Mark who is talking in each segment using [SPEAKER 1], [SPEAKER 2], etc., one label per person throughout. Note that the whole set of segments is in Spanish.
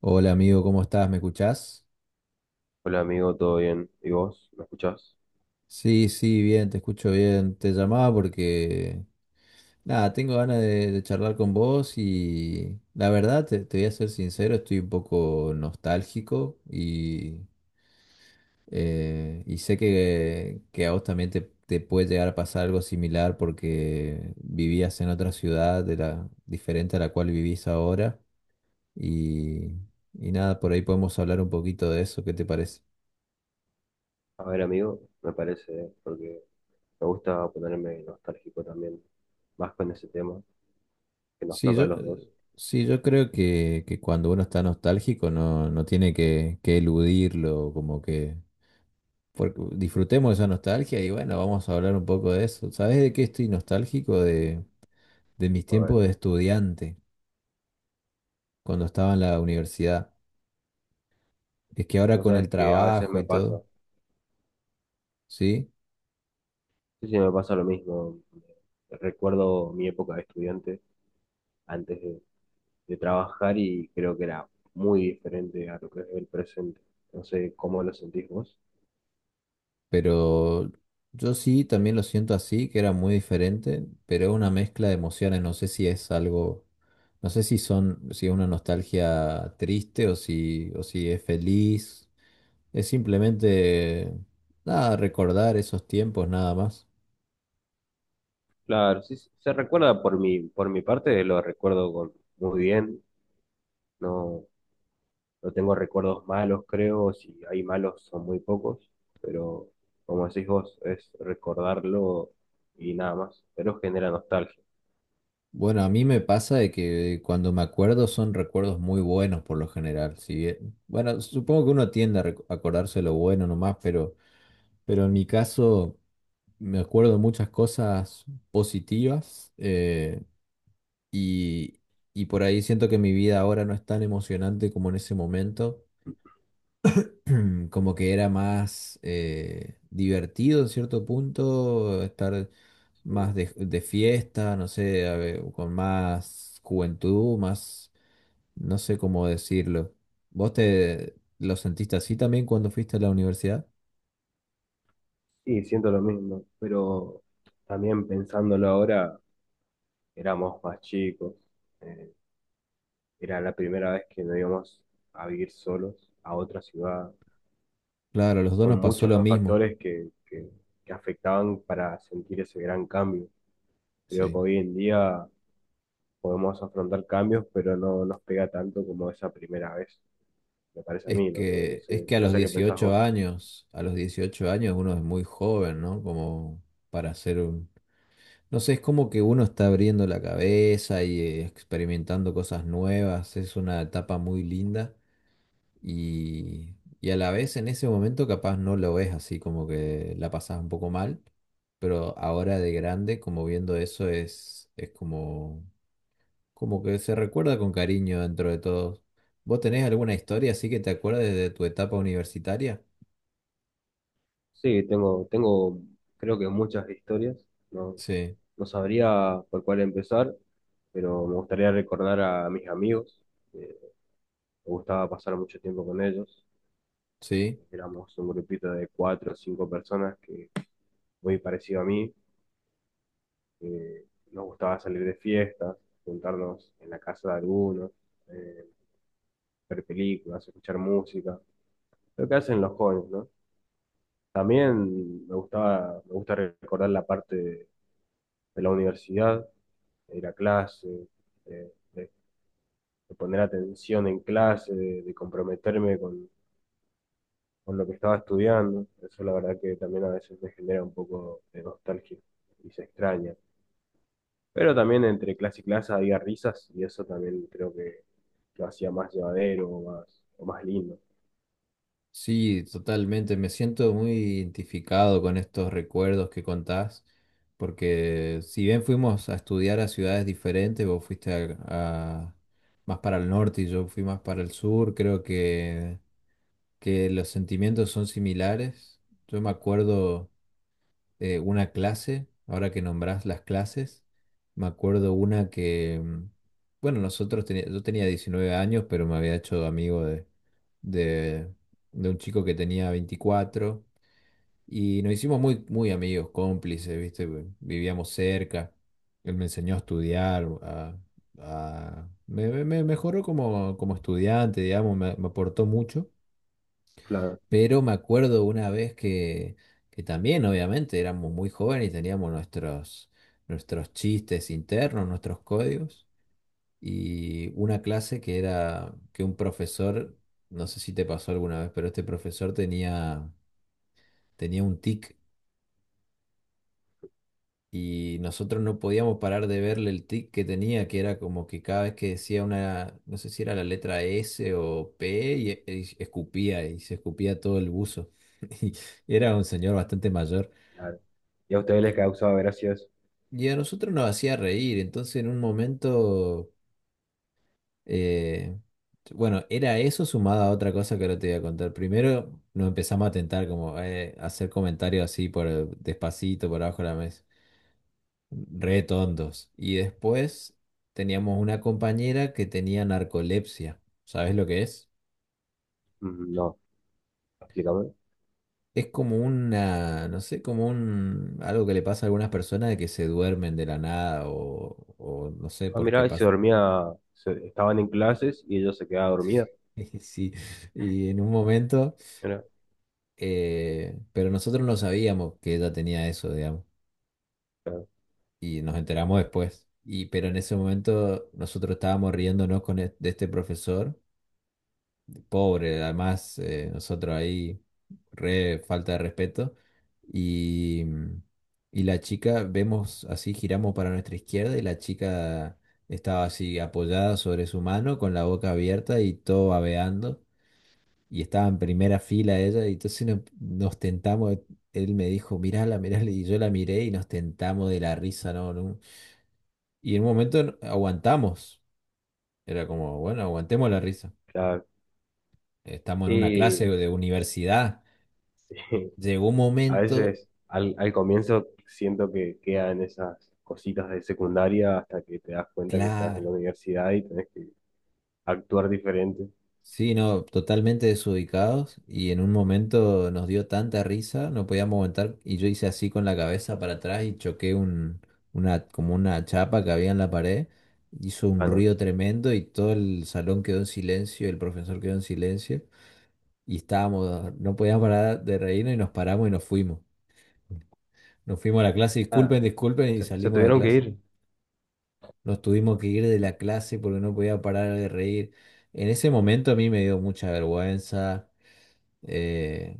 [SPEAKER 1] Hola amigo, ¿cómo estás? ¿Me escuchás?
[SPEAKER 2] Hola amigo, ¿todo bien? ¿Y vos? ¿Me escuchás?
[SPEAKER 1] Sí, sí, bien, te escucho bien. Te llamaba porque, nada, tengo ganas de charlar con vos y la verdad, te voy a ser sincero, estoy un poco nostálgico y sé que a vos también te puede llegar a pasar algo similar porque vivías en otra ciudad de la, diferente a la cual vivís ahora y, y nada, por ahí podemos hablar un poquito de eso, ¿qué te parece?
[SPEAKER 2] A ver amigo, me parece, porque me gusta ponerme nostálgico también, más con ese tema que nos
[SPEAKER 1] Sí,
[SPEAKER 2] toca a los dos.
[SPEAKER 1] sí, yo creo que cuando uno está nostálgico no, no tiene que eludirlo, como que porque disfrutemos esa nostalgia y bueno, vamos a hablar un poco de eso. ¿Sabes de qué estoy nostálgico? De mis
[SPEAKER 2] A ver,
[SPEAKER 1] tiempos de estudiante, cuando estaba en la universidad. Es que ahora
[SPEAKER 2] vos
[SPEAKER 1] con el
[SPEAKER 2] sabés que a veces
[SPEAKER 1] trabajo
[SPEAKER 2] me
[SPEAKER 1] y
[SPEAKER 2] pasa,
[SPEAKER 1] todo, ¿sí?
[SPEAKER 2] sí, sí, me pasa lo mismo. Recuerdo mi época de estudiante antes de trabajar y creo que era muy diferente a lo que es el presente. No sé cómo lo sentís vos.
[SPEAKER 1] Pero yo sí también lo siento así, que era muy diferente, pero es una mezcla de emociones. No sé si es algo, no sé si son, si es una nostalgia triste o si es feliz. Es simplemente, nada, recordar esos tiempos nada más.
[SPEAKER 2] Claro, sí, sí, se recuerda por mi parte, lo recuerdo con, muy bien. No, no tengo recuerdos malos, creo, si hay malos son muy pocos, pero como decís vos, es recordarlo y nada más, pero genera nostalgia.
[SPEAKER 1] Bueno, a mí me pasa de que cuando me acuerdo son recuerdos muy buenos por lo general. Si bien- bueno, supongo que uno tiende a acordarse lo bueno nomás, pero en mi caso. Me acuerdo de muchas cosas positivas y, y por ahí siento que mi vida ahora no es tan emocionante como en ese momento, como que era más divertido en cierto punto, estar más
[SPEAKER 2] Sí,
[SPEAKER 1] de fiesta, no sé, a ver, con más juventud, más, no sé cómo decirlo. ¿Vos te lo sentiste así también cuando fuiste a la universidad?
[SPEAKER 2] sí, siento lo mismo, pero también pensándolo ahora, éramos más chicos, eh, era la primera vez que nos íbamos a vivir solos a otra ciudad.
[SPEAKER 1] Claro, a los dos
[SPEAKER 2] Son
[SPEAKER 1] nos pasó
[SPEAKER 2] muchos
[SPEAKER 1] lo
[SPEAKER 2] los
[SPEAKER 1] mismo,
[SPEAKER 2] factores que afectaban para sentir ese gran cambio. Creo que
[SPEAKER 1] sí.
[SPEAKER 2] hoy en día podemos afrontar cambios, pero no nos pega tanto como esa primera vez, me parece a
[SPEAKER 1] Es
[SPEAKER 2] mí, no sé, no
[SPEAKER 1] que, es
[SPEAKER 2] sé,
[SPEAKER 1] que a
[SPEAKER 2] no
[SPEAKER 1] los
[SPEAKER 2] sé qué pensás
[SPEAKER 1] 18
[SPEAKER 2] vos.
[SPEAKER 1] años, a los 18 años uno es muy joven, ¿no? Como para hacer un... No sé, es como que uno está abriendo la cabeza y experimentando cosas nuevas, es una etapa muy linda y a la vez en ese momento capaz no lo ves así, como que la pasas un poco mal, pero ahora de grande, como viendo eso, es como como que se recuerda con cariño dentro de todos. ¿Vos tenés alguna historia así que te acuerdes de tu etapa universitaria?
[SPEAKER 2] Sí, tengo, tengo, creo que muchas historias, no,
[SPEAKER 1] Sí,
[SPEAKER 2] no sabría por cuál empezar, pero me gustaría recordar a mis amigos, eh, me gustaba pasar mucho tiempo con ellos,
[SPEAKER 1] sí,
[SPEAKER 2] éramos un grupito de cuatro o cinco personas que muy parecido a mí, eh, nos gustaba salir de fiestas, juntarnos en la casa de algunos, eh, ver películas, escuchar música, lo que hacen los jóvenes, ¿no? También me gustaba, me gusta recordar la parte de la universidad, de ir a clase, de, de- de poner atención en clase, de comprometerme con lo que estaba estudiando. Eso la verdad que también a veces me genera un poco de nostalgia y se extraña. Pero también entre clase y clase había risas y eso también creo que lo hacía más llevadero o más lindo.
[SPEAKER 1] sí, totalmente. Me siento muy identificado con estos recuerdos que contás, porque si bien fuimos a estudiar a ciudades diferentes, vos fuiste a- más para el norte y yo fui más para el sur, creo que los sentimientos son similares. Yo me acuerdo. Una clase, ahora que nombrás las clases, me acuerdo una que, bueno, yo tenía 19 años, pero me había hecho amigo de, de un chico que tenía 24 y nos hicimos muy, muy amigos, cómplices, ¿viste? Vivíamos cerca, él me enseñó a estudiar, me mejoró como, como estudiante, digamos, me aportó mucho.
[SPEAKER 2] Claro,
[SPEAKER 1] Pero me acuerdo una vez que también, obviamente, éramos muy jóvenes y teníamos nuestros, nuestros chistes internos, nuestros códigos, y una clase que era que un profesor, no sé si te pasó alguna vez, pero este profesor tenía, tenía un tic y nosotros no podíamos parar de verle el tic que tenía, que era como que cada vez que decía una, no sé si era la letra S o P, y escupía y se escupía todo el buzo. Y era un señor bastante mayor.
[SPEAKER 2] claro. ¿Y a ustedes les causaba gracias?
[SPEAKER 1] Y a nosotros nos hacía reír, entonces en un momento, eh, bueno, era eso sumado a otra cosa que ahora te voy a contar. Primero nos empezamos a tentar como a hacer comentarios así despacito, por abajo de la mesa, re tontos. Y después teníamos una compañera que tenía narcolepsia. ¿Sabes lo que es?
[SPEAKER 2] No, explícame.
[SPEAKER 1] Es como una, no sé, como un, algo que le pasa a algunas personas de que se duermen de la nada o, o no sé
[SPEAKER 2] Ah,
[SPEAKER 1] por qué
[SPEAKER 2] mirá, y se dormía, se- estaban en clases y ella se quedaba dormida.
[SPEAKER 1] Sí, y en un momento,
[SPEAKER 2] Mirá,
[SPEAKER 1] pero nosotros no sabíamos que ella tenía eso, digamos,
[SPEAKER 2] claro,
[SPEAKER 1] y nos enteramos después. Y, pero en ese momento nosotros estábamos riéndonos con de este profesor, pobre, además nosotros ahí, re falta de respeto, y, y la chica, vemos así, giramos para nuestra izquierda y la chica estaba así apoyada sobre su mano con la boca abierta y todo babeando. Y estaba en primera fila ella, y entonces nos tentamos, él me dijo, mirala, mirala, y yo la miré y nos tentamos de la risa, ¿no? no". Y en un momento aguantamos, era como, bueno, aguantemos la risa,
[SPEAKER 2] claro.
[SPEAKER 1] estamos en una
[SPEAKER 2] Y
[SPEAKER 1] clase de universidad, llegó un
[SPEAKER 2] a
[SPEAKER 1] momento,
[SPEAKER 2] veces al, al comienzo siento que quedan esas cositas de secundaria hasta que te das cuenta que estás en
[SPEAKER 1] claro.
[SPEAKER 2] la universidad y tenés que actuar diferente.
[SPEAKER 1] Sí, no, totalmente desubicados y en un momento nos dio tanta risa, no podíamos aguantar y yo hice así con la cabeza para atrás y choqué una, como una chapa que había en la pared, hizo un
[SPEAKER 2] Ah, no.
[SPEAKER 1] ruido tremendo y todo el salón quedó en silencio, el profesor quedó en silencio y estábamos, no podíamos parar de reírnos y nos paramos y nos fuimos. Nos fuimos a la clase,
[SPEAKER 2] Ah,
[SPEAKER 1] disculpen, disculpen y
[SPEAKER 2] se
[SPEAKER 1] salimos de
[SPEAKER 2] tuvieron que
[SPEAKER 1] clase.
[SPEAKER 2] ir.
[SPEAKER 1] Nos tuvimos que ir de la clase porque no podía parar de reír. En ese momento a mí me dio mucha vergüenza. eh,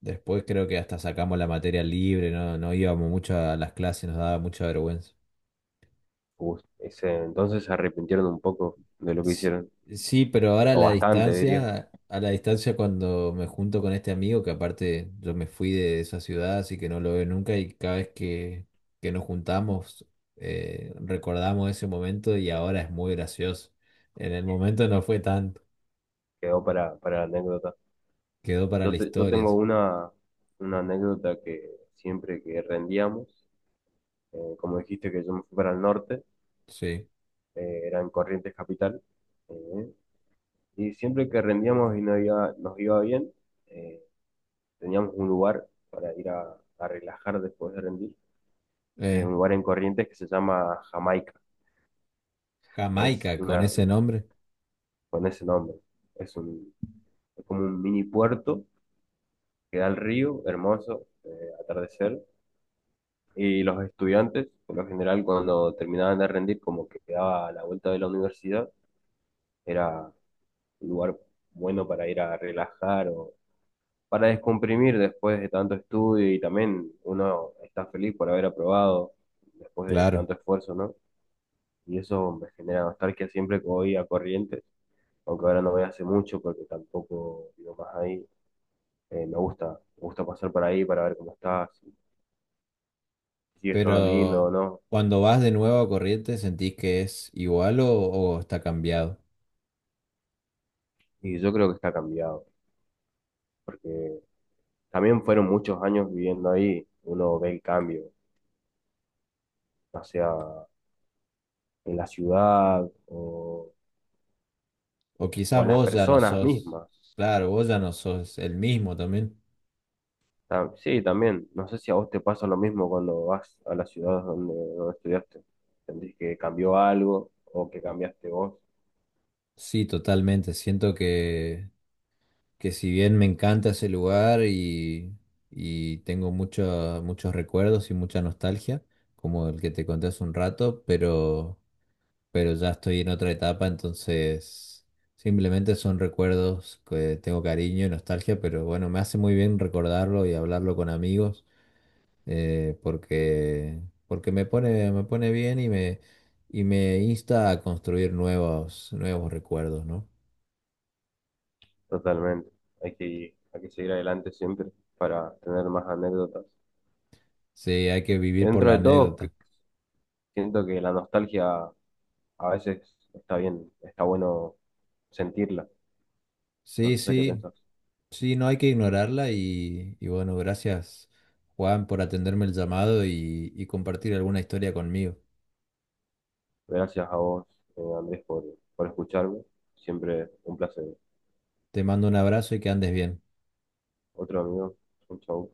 [SPEAKER 1] Después creo que hasta sacamos la materia libre, no, no íbamos mucho a las clases, nos daba mucha vergüenza.
[SPEAKER 2] Uy, ese, entonces se arrepintieron un poco de lo que
[SPEAKER 1] Sí,
[SPEAKER 2] hicieron.
[SPEAKER 1] sí, pero ahora
[SPEAKER 2] O bastante, diría.
[SPEAKER 1] a la distancia cuando me junto con este amigo, que aparte yo me fui de esa ciudad, así que no lo veo nunca, y cada vez que nos juntamos, recordamos ese momento y ahora es muy gracioso. En el momento no fue tanto,
[SPEAKER 2] Quedó para la anécdota.
[SPEAKER 1] quedó para la
[SPEAKER 2] Yo, te- yo
[SPEAKER 1] historia,
[SPEAKER 2] tengo
[SPEAKER 1] sí.
[SPEAKER 2] una anécdota que siempre que rendíamos. Como dijiste que yo me fui para el norte,
[SPEAKER 1] Sí.
[SPEAKER 2] era en Corrientes Capital, eh, y siempre que rendíamos y nos iba bien, eh, teníamos un lugar para ir a relajar después de rendir,
[SPEAKER 1] Eh,
[SPEAKER 2] un lugar en Corrientes que se llama Jamaica, que es
[SPEAKER 1] Jamaica con
[SPEAKER 2] una,
[SPEAKER 1] ese nombre,
[SPEAKER 2] con ese nombre, es un, es como un mini puerto que da al río, hermoso, atardecer, y los estudiantes, por lo general, cuando terminaban de rendir, como que quedaba a la vuelta de la universidad, era un lugar bueno para ir a relajar o para descomprimir después de tanto estudio y también uno está feliz por haber aprobado después de
[SPEAKER 1] claro.
[SPEAKER 2] tanto esfuerzo, ¿no? Y eso me genera nostalgia siempre que voy a Corrientes, aunque ahora no voy hace mucho porque tampoco vivo más ahí. Me gusta, me gusta pasar por ahí para ver cómo está, si sigue estando lindo o
[SPEAKER 1] Pero
[SPEAKER 2] no.
[SPEAKER 1] cuando vas de nuevo a Corrientes, ¿sentís que es igual o está cambiado?
[SPEAKER 2] Y yo creo que está cambiado, porque también fueron muchos años viviendo ahí, uno ve el cambio, ya sea en la ciudad o
[SPEAKER 1] O quizás
[SPEAKER 2] en las
[SPEAKER 1] vos ya no
[SPEAKER 2] personas
[SPEAKER 1] sos,
[SPEAKER 2] mismas.
[SPEAKER 1] claro, vos ya no sos el mismo también.
[SPEAKER 2] Ta- Sí, también. No sé si a vos te pasa lo mismo cuando vas a las ciudades donde, donde estudiaste. ¿Sentís que cambió algo o que cambiaste vos?
[SPEAKER 1] Sí, totalmente. Siento que si bien me encanta ese lugar y tengo muchos recuerdos y mucha nostalgia, como el que te conté hace un rato, pero ya estoy en otra etapa, entonces simplemente son recuerdos que tengo cariño y nostalgia, pero bueno, me hace muy bien recordarlo y hablarlo con amigos, porque, porque me pone bien y me insta a construir nuevos, nuevos recuerdos, ¿no?
[SPEAKER 2] Totalmente. Hay que seguir adelante siempre para tener más anécdotas.
[SPEAKER 1] Sí, hay que vivir por
[SPEAKER 2] Dentro
[SPEAKER 1] la
[SPEAKER 2] de todo, que-
[SPEAKER 1] anécdota.
[SPEAKER 2] siento que la nostalgia a veces está bien, está bueno sentirla. No
[SPEAKER 1] Sí,
[SPEAKER 2] sé qué
[SPEAKER 1] sí,
[SPEAKER 2] pensás.
[SPEAKER 1] sí, no hay que ignorarla y bueno, gracias. Juan, por atenderme el llamado y compartir alguna historia conmigo.
[SPEAKER 2] Gracias a vos, Andrés, por escucharme. Siempre un placer.
[SPEAKER 1] Te mando un abrazo y que andes bien.
[SPEAKER 2] Otro amigo. Un chau.